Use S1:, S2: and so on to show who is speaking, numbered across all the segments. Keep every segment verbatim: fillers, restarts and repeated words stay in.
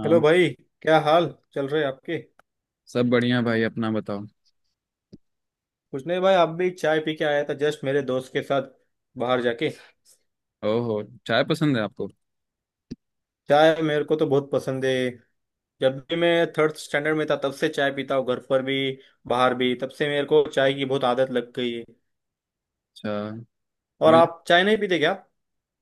S1: हाँ।
S2: हेलो भाई, क्या हाल चल रहे आपके।
S1: सब बढ़िया भाई, अपना बताओ।
S2: कुछ नहीं भाई, आप भी? चाय पी के आया था जस्ट मेरे दोस्त के साथ बाहर जाके।
S1: ओहो, चाय पसंद है आपको?
S2: चाय मेरे को तो बहुत पसंद है। जब भी मैं थर्ड स्टैंडर्ड में था तब से चाय पीता हूँ, घर पर भी बाहर भी। तब से मेरे को चाय की बहुत आदत लग गई है।
S1: अच्छा।
S2: और
S1: मुझे,
S2: आप चाय नहीं पीते क्या?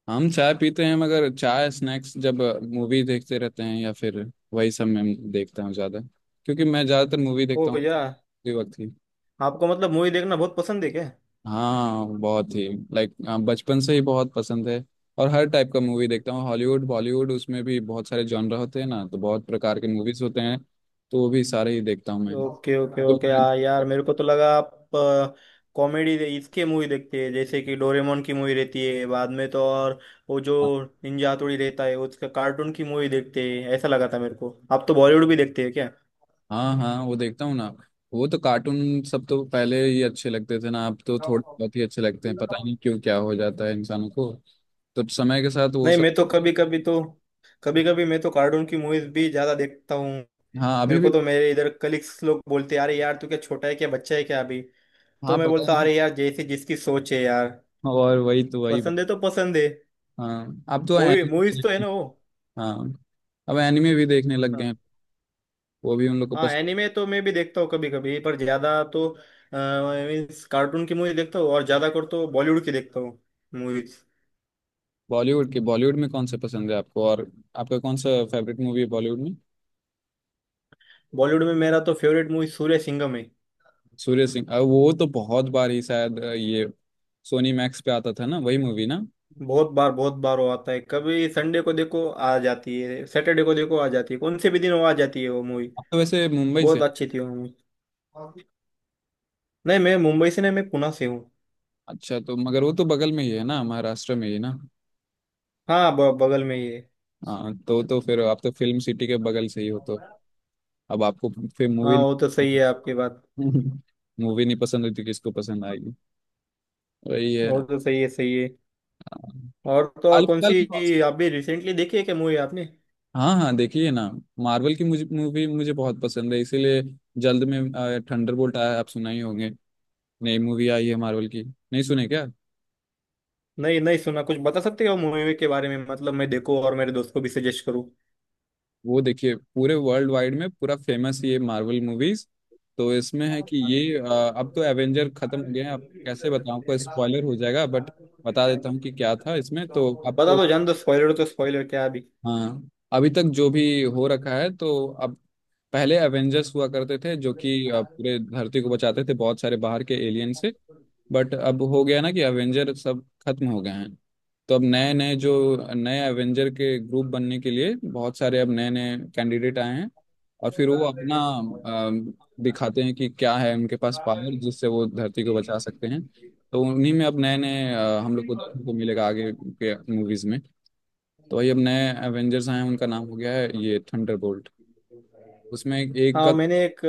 S1: हम चाय पीते हैं मगर चाय स्नैक्स जब मूवी देखते रहते हैं या फिर वही सब, मैं देखता हूँ ज़्यादा, क्योंकि मैं ज़्यादातर मूवी
S2: ओ
S1: देखता हूँ
S2: या।
S1: उसी वक्त ही।
S2: आपको मतलब मूवी देखना बहुत पसंद है क्या?
S1: हाँ बहुत ही। लाइक हाँ, बचपन से ही बहुत पसंद है। और हर टाइप का मूवी देखता हूँ, हॉलीवुड बॉलीवुड, उसमें भी बहुत सारे जॉनर होते हैं ना, तो बहुत प्रकार के मूवीज होते हैं, तो वो भी सारे ही देखता हूँ मैं
S2: ओके ओके
S1: तो।
S2: ओके, हाँ यार। मेरे को तो लगा आप कॉमेडी इसके मूवी देखते हैं, जैसे कि डोरेमोन की मूवी रहती है बाद में तो, और वो जो निंजा हथौड़ी रहता है उसका, कार्टून की मूवी देखते हैं ऐसा लगा था मेरे को। आप तो बॉलीवुड भी देखते हैं क्या?
S1: हाँ हाँ, वो देखता हूँ ना। वो तो कार्टून सब तो पहले ही अच्छे लगते थे ना, अब तो थोड़े बहुत ही अच्छे लगते हैं, पता नहीं क्यों, क्या हो जाता है इंसानों को, तो समय के साथ वो
S2: नहीं,
S1: सब।
S2: मैं तो कभी कभी तो कभी कभी मैं तो कार्टून की मूवीज भी ज्यादा देखता हूँ।
S1: हाँ अभी
S2: मेरे को
S1: भी।
S2: तो, मेरे इधर कलीग्स लोग बोलते, अरे यार तू क्या छोटा है क्या, बच्चा है क्या अभी।
S1: हाँ
S2: तो मैं
S1: पता
S2: बोलता,
S1: नहीं।
S2: अरे यार जैसे जिसकी सोच है यार,
S1: और वही तो, वही
S2: पसंद
S1: बात।
S2: है तो पसंद है।
S1: हाँ अब तो
S2: मूवी मूवीज तो है
S1: एनिमे।
S2: ना वो।
S1: हाँ, अब एनिमे भी देखने लग गए
S2: हाँ
S1: हैं, वो भी उन लोग को
S2: हाँ।
S1: पसंद।
S2: एनिमे तो मैं भी देखता हूँ कभी कभी, पर ज्यादा तो मीन्स कार्टून की मूवी देखता हूँ, और ज्यादा कर तो बॉलीवुड की देखता हूँ मूवीज।
S1: बॉलीवुड के, बॉलीवुड में कौन से पसंद है आपको? और आपका कौन सा फेवरेट मूवी है बॉलीवुड में?
S2: बॉलीवुड में मेरा तो फेवरेट मूवी सूर्य सिंघम है।
S1: सूर्य सिंह, अब वो तो बहुत बार ही शायद अ, ये सोनी मैक्स पे आता था ना, वही मूवी ना।
S2: बहुत बार बहुत बार वो आता है, कभी संडे को देखो आ जाती है, सैटरडे को देखो आ जाती है, कौन से भी दिन वो आ जाती है वो मूवी।
S1: आप तो वैसे मुंबई से?
S2: बहुत अच्छी थी वो मूवी। नहीं, मैं मुंबई से नहीं, मैं पुणे से हूँ।
S1: अच्छा, तो मगर वो तो बगल में ही है ना, महाराष्ट्र में ही ना।
S2: हाँ, ब, बगल में ही है।
S1: हाँ तो, तो फिर आप तो फिल्म सिटी के बगल से ही हो, तो अब आपको फिर मूवी,
S2: हाँ वो तो सही है आपकी बात।
S1: मूवी नहीं पसंद होती, किसको पसंद आएगी? वही है।
S2: वो तो सही है, सही है। और तो और,
S1: हाल
S2: कौन
S1: फिलहाल में कौन
S2: सी
S1: सा?
S2: अभी रिसेंटली देखी है क्या मूवी आपने?
S1: हाँ हाँ, देखिए ना, मार्वल की मुझे मूवी, मुझे बहुत पसंद है, इसीलिए जल्द में थंडरबोल्ट आया, आप सुना ही होंगे। नई मूवी आई है मार्वल की, नहीं सुने क्या?
S2: नहीं, नहीं सुना। कुछ बता सकते हो मूवी के बारे में, मतलब मैं देखूं और मेरे दोस्त को भी सजेस्ट करूं।
S1: वो देखिए, पूरे वर्ल्ड वाइड में पूरा फेमस ये मार्वल मूवीज, तो इसमें है कि ये अ, अब तो एवेंजर खत्म हो गए हैं, अब कैसे बताऊं आपको, स्पॉइलर हो जाएगा, बट बता देता हूँ कि क्या था इसमें, तो अब
S2: बता
S1: तो।
S2: दो, जान दो, स्पॉइलर तो स्पॉइलर, क्या अभी।
S1: हाँ अभी तक जो भी हो रखा है तो, अब पहले एवेंजर्स हुआ करते थे जो कि अ, पूरे धरती को बचाते थे बहुत सारे बाहर के एलियन से, बट अब हो गया ना कि एवेंजर सब खत्म हो गए हैं, तो अब नए नए जो, नए एवेंजर के ग्रुप बनने के लिए बहुत सारे अब नए नए कैंडिडेट आए हैं, और फिर वो अपना अम, दिखाते हैं कि क्या है उनके पास पावर, जिससे वो धरती को बचा सकते हैं। तो उन्हीं में अब नए नए अ, हम लोग को देखने को मिलेगा आगे के मूवीज में, तो वही अब नए एवेंजर्स आए हैं, उनका नाम हो गया है ये थंडरबोल्ट। उसमें एक का,
S2: हाँ मैंने एक।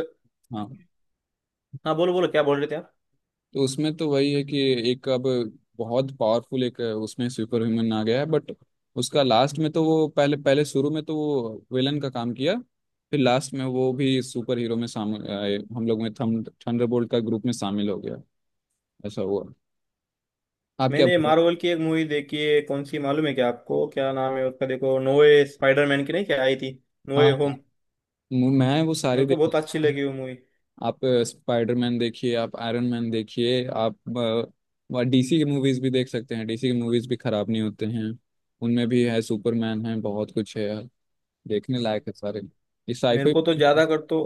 S1: हाँ,
S2: हाँ बोलो बोलो, क्या बोल रहे थे आप?
S1: तो उसमें तो वही है कि एक अब बहुत पावरफुल एक उसमें सुपर ह्यूमन आ गया है, बट उसका लास्ट में तो, वो पहले पहले शुरू में तो वो विलन का काम किया, फिर लास्ट में वो भी सुपर हीरो में शामिल आए, हम लोग में थम थंडरबोल्ट का ग्रुप में शामिल हो गया, ऐसा हुआ। आप क्या?
S2: मैंने मार्वल की एक मूवी देखी है, कौन सी मालूम है क्या आपको, क्या नाम है उसका देखो, नोए स्पाइडरमैन की नहीं क्या आई थी,
S1: हाँ
S2: नोए
S1: हाँ,
S2: होम।
S1: मैं वो सारे
S2: मेरे को
S1: देख,
S2: बहुत अच्छी लगी वो मूवी।
S1: आप स्पाइडरमैन देखिए, आप आयरन मैन देखिए, आप डीसी की मूवीज भी देख सकते हैं, डीसी की मूवीज भी खराब नहीं होते हैं, उनमें भी है, सुपरमैन है, बहुत कुछ है, देखने लायक है सारे, ये
S2: मेरे
S1: साईफाई।
S2: को तो ज्यादा कर तो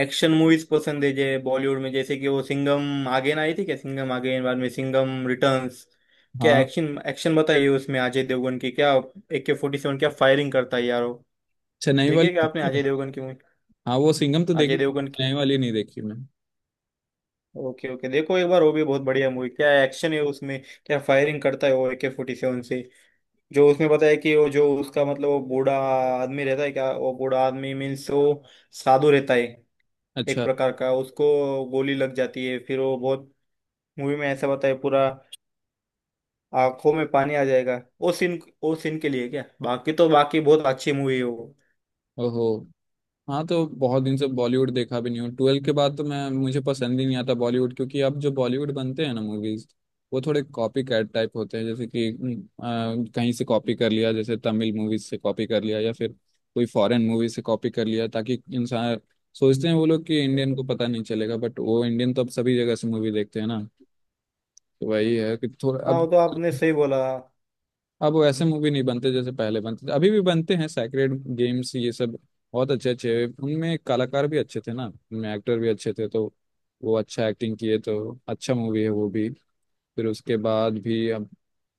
S2: एक्शन मूवीज पसंद है, जे बॉलीवुड में जैसे कि वो सिंघम आगेन आई थी क्या, सिंघम आगेन बाद में, सिंघम रिटर्न्स, क्या
S1: हाँ,
S2: एक्शन एक्शन बताइए उसमें अजय देवगन की, क्या ए के फोर्टी सेवन क्या फायरिंग करता है यार वो।
S1: चेन्नई वाली।
S2: देखिए क्या आपने अजय देवगन की मूवी,
S1: हाँ वो सिंघम तो
S2: अजय
S1: देखी,
S2: देवगन की।
S1: चेन्नई वाली नहीं देखी मैं।
S2: ओके ओके, देखो एक बार वो भी, बहुत बढ़िया मूवी, क्या एक्शन है उसमें। क्या फायरिंग करता है वो ए के फोर्टी सेवन से। जो उसमें, पता है कि वो, जो उसका मतलब वो बूढ़ा आदमी रहता है, क्या वो बूढ़ा आदमी मीन्स वो साधु रहता है एक
S1: अच्छा।
S2: प्रकार का। उसको गोली लग जाती है, फिर वो बहुत, मूवी में ऐसा बताया पूरा, आंखों में पानी आ जाएगा वो सीन, वो सीन के लिए क्या, बाकी तो बाकी बहुत अच्छी मूवी है वो।
S1: ओहो। हाँ, तो बहुत दिन से बॉलीवुड देखा भी नहीं हूँ, ट्वेल्व के बाद तो मैं, मुझे पसंद ही नहीं आता बॉलीवुड, क्योंकि अब जो बॉलीवुड बनते हैं ना मूवीज, वो थोड़े कॉपी कैट टाइप होते हैं, जैसे कि हम्म, अ, कहीं से कॉपी कर लिया, जैसे तमिल मूवीज से कॉपी कर लिया या फिर कोई फॉरेन मूवी से कॉपी कर लिया, ताकि इंसान सोचते हैं वो लोग कि इंडियन को पता नहीं चलेगा, बट वो इंडियन तो अब सभी जगह से मूवी देखते हैं ना, तो वही है कि थोड़ा
S2: हाँ
S1: अब
S2: वो तो आपने सही बोला।
S1: अब वो ऐसे मूवी नहीं बनते जैसे पहले बनते थे। अभी भी बनते हैं, सैक्रेड गेम्स ये सब बहुत अच्छे अच्छे, उनमें कलाकार भी अच्छे थे ना, उनमें एक्टर भी अच्छे थे, तो वो अच्छा एक्टिंग किए, तो अच्छा मूवी है वो भी। फिर उसके बाद भी अब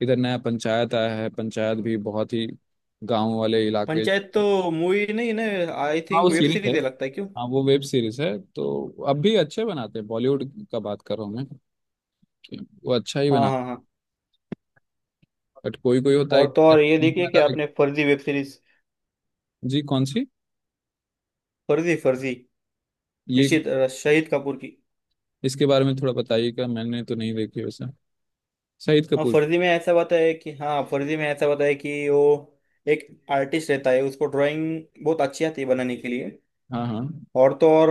S1: इधर नया पंचायत आया है, पंचायत भी बहुत ही गांव वाले इलाके।
S2: पंचायत तो मूवी नहीं ना, आई
S1: हाँ वो
S2: थिंक वेब
S1: सीरीज है।
S2: सीरीज है, लगता है क्यों।
S1: हाँ वो वेब सीरीज है, तो अब भी अच्छे बनाते हैं बॉलीवुड का, बात कर रहा हूँ मैं कि वो अच्छा ही
S2: हाँ
S1: बना,
S2: हाँ हाँ।
S1: बट कोई कोई होता है।
S2: और तो और, ये देखिए कि आपने फर्जी वेब सीरीज,
S1: जी कौन सी?
S2: फर्जी फर्जी,
S1: ये,
S2: ऋषित, अ, शहीद कपूर की।
S1: इसके बारे में थोड़ा बताइएगा, मैंने तो नहीं देखी वैसे। शाहिद
S2: हाँ
S1: कपूर?
S2: फर्जी में ऐसा बताया है कि हाँ फर्जी में ऐसा बताया है कि वो एक आर्टिस्ट रहता है, उसको ड्राइंग बहुत अच्छी आती है बनाने के लिए।
S1: हाँ हाँ।
S2: और तो और,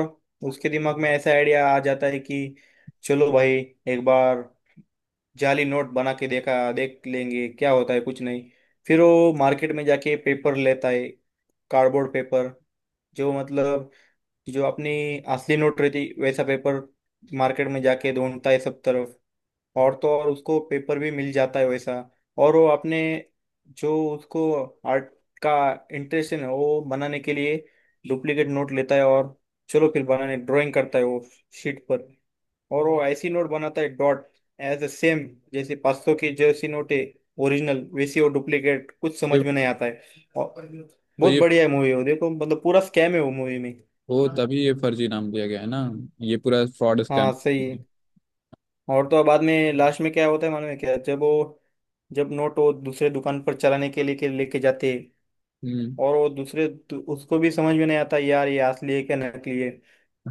S2: उसके दिमाग में ऐसा आइडिया आ जाता है कि, चलो भाई एक बार जाली नोट बना के देखा देख लेंगे क्या होता है, कुछ नहीं। फिर वो मार्केट में जाके पेपर लेता है, कार्डबोर्ड पेपर, जो मतलब कि जो अपनी असली नोट रहती वैसा पेपर मार्केट में जाके ढूंढता है सब तरफ। और तो और, उसको पेपर भी मिल जाता है वैसा। और वो अपने, जो उसको आर्ट का इंटरेस्ट है ना, वो बनाने के लिए डुप्लीकेट नोट लेता है, और चलो फिर बनाने, ड्राइंग करता है वो शीट पर। और वो ऐसी नोट बनाता है डॉट एज अ सेम, जैसे पाँच सौ की जैसी नोट है ओरिजिनल, वैसी वो डुप्लीकेट, कुछ
S1: ये
S2: समझ में नहीं आता है। और
S1: तो,
S2: बहुत
S1: ये
S2: बढ़िया है मूवी वो, देखो मतलब पूरा स्कैम है वो मूवी में।
S1: वो तभी ये फर्जी नाम दिया गया है ना, ये पूरा फ्रॉड स्कैम।
S2: हाँ सही है। और तो बाद में लास्ट में क्या होता है मालूम है क्या, जब वो, जब नोट वो दूसरे दुकान पर चलाने के लिए के लेके जाते हैं,
S1: हम्म।
S2: और वो दूसरे दु- उसको भी समझ में नहीं आता यार, ये असली है क्या नकली है।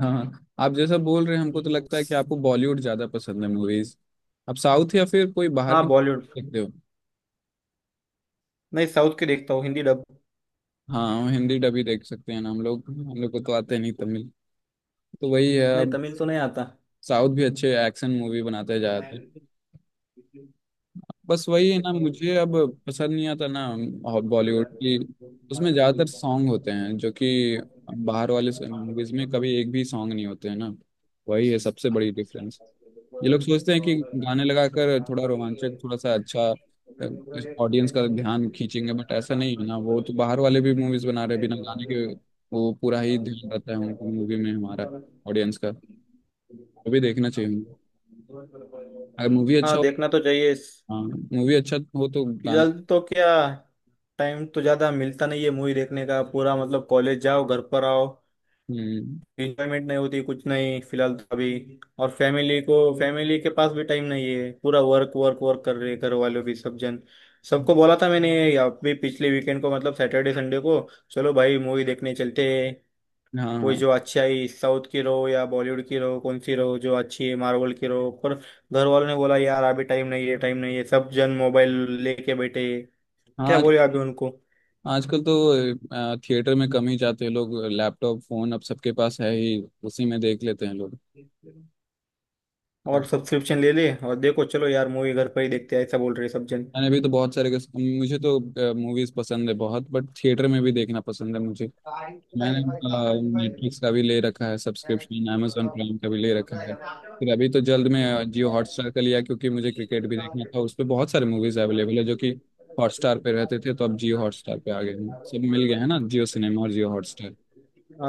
S1: हाँ हाँ, आप जैसा बोल रहे हैं हमको तो लगता है कि आपको बॉलीवुड ज्यादा पसंद है मूवीज। आप साउथ या फिर कोई बाहर
S2: हाँ
S1: की
S2: बॉलीवुड।
S1: देखते हो?
S2: नहीं, साउथ के देखता हूँ हिंदी डब।
S1: हाँ, हम हिंदी डब ही देख सकते हैं ना, हम लोग, हम लोग को तो आते नहीं तमिल, तो वही है
S2: नहीं,
S1: अब।
S2: तमिल तो नहीं आता।
S1: साउथ भी अच्छे एक्शन मूवी बनाते जाते, बस वही है ना मुझे, अब पसंद नहीं आता ना बॉलीवुड की, उसमें ज़्यादातर सॉन्ग होते हैं जो कि बाहर वाले मूवीज में कभी एक भी सॉन्ग नहीं होते हैं ना, वही है सबसे बड़ी डिफरेंस। ये लोग सोचते हैं कि गाने लगाकर थोड़ा रोमांचक, थोड़ा सा अच्छा ऑडियंस का ध्यान खींचेंगे, बट ऐसा नहीं है ना, वो तो बाहर वाले भी मूवीज बना रहे हैं बिना गाने के, वो पूरा ही ध्यान रहता है उनकी मूवी में, हमारा ऑडियंस का वो भी देखना चाहिए हमें। अगर मूवी अच्छा
S2: हाँ
S1: हो।
S2: देखना तो चाहिए।
S1: हाँ मूवी अच्छा हो तो गाने।
S2: फिलहाल तो क्या, टाइम तो ज्यादा मिलता नहीं है मूवी देखने का पूरा, मतलब कॉलेज जाओ घर पर आओ,
S1: हम्म।
S2: इंजॉयमेंट नहीं होती कुछ नहीं फिलहाल तो अभी। और फैमिली को, फैमिली के पास भी टाइम नहीं है पूरा, वर्क वर्क वर्क कर रहे घर वालों भी सब जन। सबको बोला था मैंने या भी पिछले वीकेंड को, मतलब सैटरडे संडे को, चलो भाई मूवी देखने चलते हैं,
S1: हाँ,
S2: कोई
S1: हाँ
S2: जो अच्छी आई, साउथ की रहो या बॉलीवुड की रहो, कौन सी रहो जो अच्छी है, मार्वल की रहो, पर घर वालों ने बोला यार अभी टाइम नहीं है, टाइम नहीं है, सब जन मोबाइल लेके बैठे हैं।
S1: हाँ,
S2: क्या
S1: आज,
S2: बोले अभी उनको।
S1: आजकल तो थिएटर में कम ही जाते हैं लोग, लैपटॉप फोन अब सबके पास है ही, उसी में देख लेते हैं लोग। हाँ,
S2: और सब्सक्रिप्शन ले ले और देखो, चलो यार मूवी घर पर ही देखते हैं ऐसा बोल रहे सब जन।
S1: मैंने भी तो बहुत सारे किस- मुझे तो मूवीज पसंद है बहुत, बट थिएटर में भी देखना पसंद है मुझे। मैंने नेटफ्लिक्स का भी ले रखा है सब्सक्रिप्शन, amazon प्राइम का भी ले रखा है,
S2: हाँ
S1: फिर अभी तो जल्द में जियो हॉटस्टार का लिया, क्योंकि मुझे क्रिकेट भी देखना था, उस पर बहुत सारे मूवीज अवेलेबल है जो कि हॉटस्टार पे रहते थे, तो अब जियो हॉटस्टार पे आ गए हैं, सब मिल गए हैं ना, जियो सिनेमा और जियो हॉटस्टार।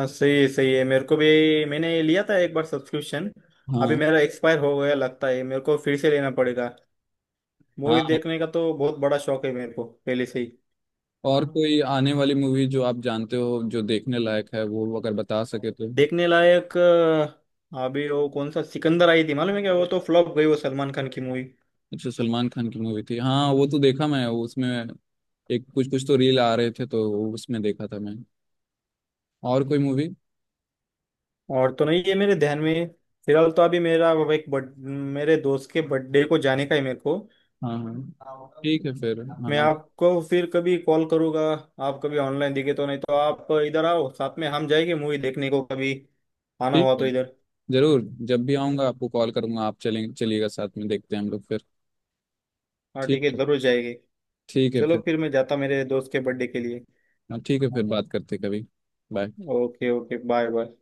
S2: सही, सही है मेरे को भी। मैंने ये लिया था एक बार सब्सक्रिप्शन, अभी
S1: हाँ
S2: मेरा एक्सपायर हो गया लगता है, मेरे को फिर से लेना पड़ेगा। मूवी
S1: हाँ,
S2: देखने का तो बहुत बड़ा शौक है मेरे को पहले से ही।
S1: और कोई आने वाली मूवी जो आप जानते हो, जो देखने लायक है, वो अगर बता सके तो।
S2: देखने लायक, अ, अभी वो कौन सा सिकंदर आई थी मालूम है क्या, वो तो फ्लॉप गई, वो सलमान खान की मूवी।
S1: अच्छा, सलमान खान की मूवी थी, हाँ वो तो देखा मैं, वो उसमें एक कुछ कुछ तो रील आ रहे थे, तो वो उसमें देखा था मैं। और कोई मूवी?
S2: और तो नहीं ये मेरे ध्यान में। फिलहाल तो अभी मेरा वो एक बर्थ मेरे दोस्त के बर्थडे को जाने का है मेरे को।
S1: हाँ हाँ। ठीक है, फिर
S2: मैं
S1: हाँ,
S2: आपको फिर कभी कॉल करूंगा, आप कभी ऑनलाइन दिखे तो। नहीं तो आप इधर आओ, साथ में हम जाएंगे मूवी देखने को, कभी आना
S1: ठीक
S2: हुआ
S1: है,
S2: तो इधर।
S1: जरूर, जब भी आऊँगा आपको कॉल करूँगा, आप चलें चलिएगा साथ में, देखते हैं हम लोग फिर।
S2: हाँ ठीक
S1: ठीक
S2: है,
S1: है।
S2: जरूर जाएंगे।
S1: ठीक है
S2: चलो
S1: फिर।
S2: फिर मैं जाता मेरे दोस्त के बर्थडे के लिए।
S1: हाँ ठीक है, फिर बात करते हैं कभी। Bye.
S2: Okay okay, bye bye.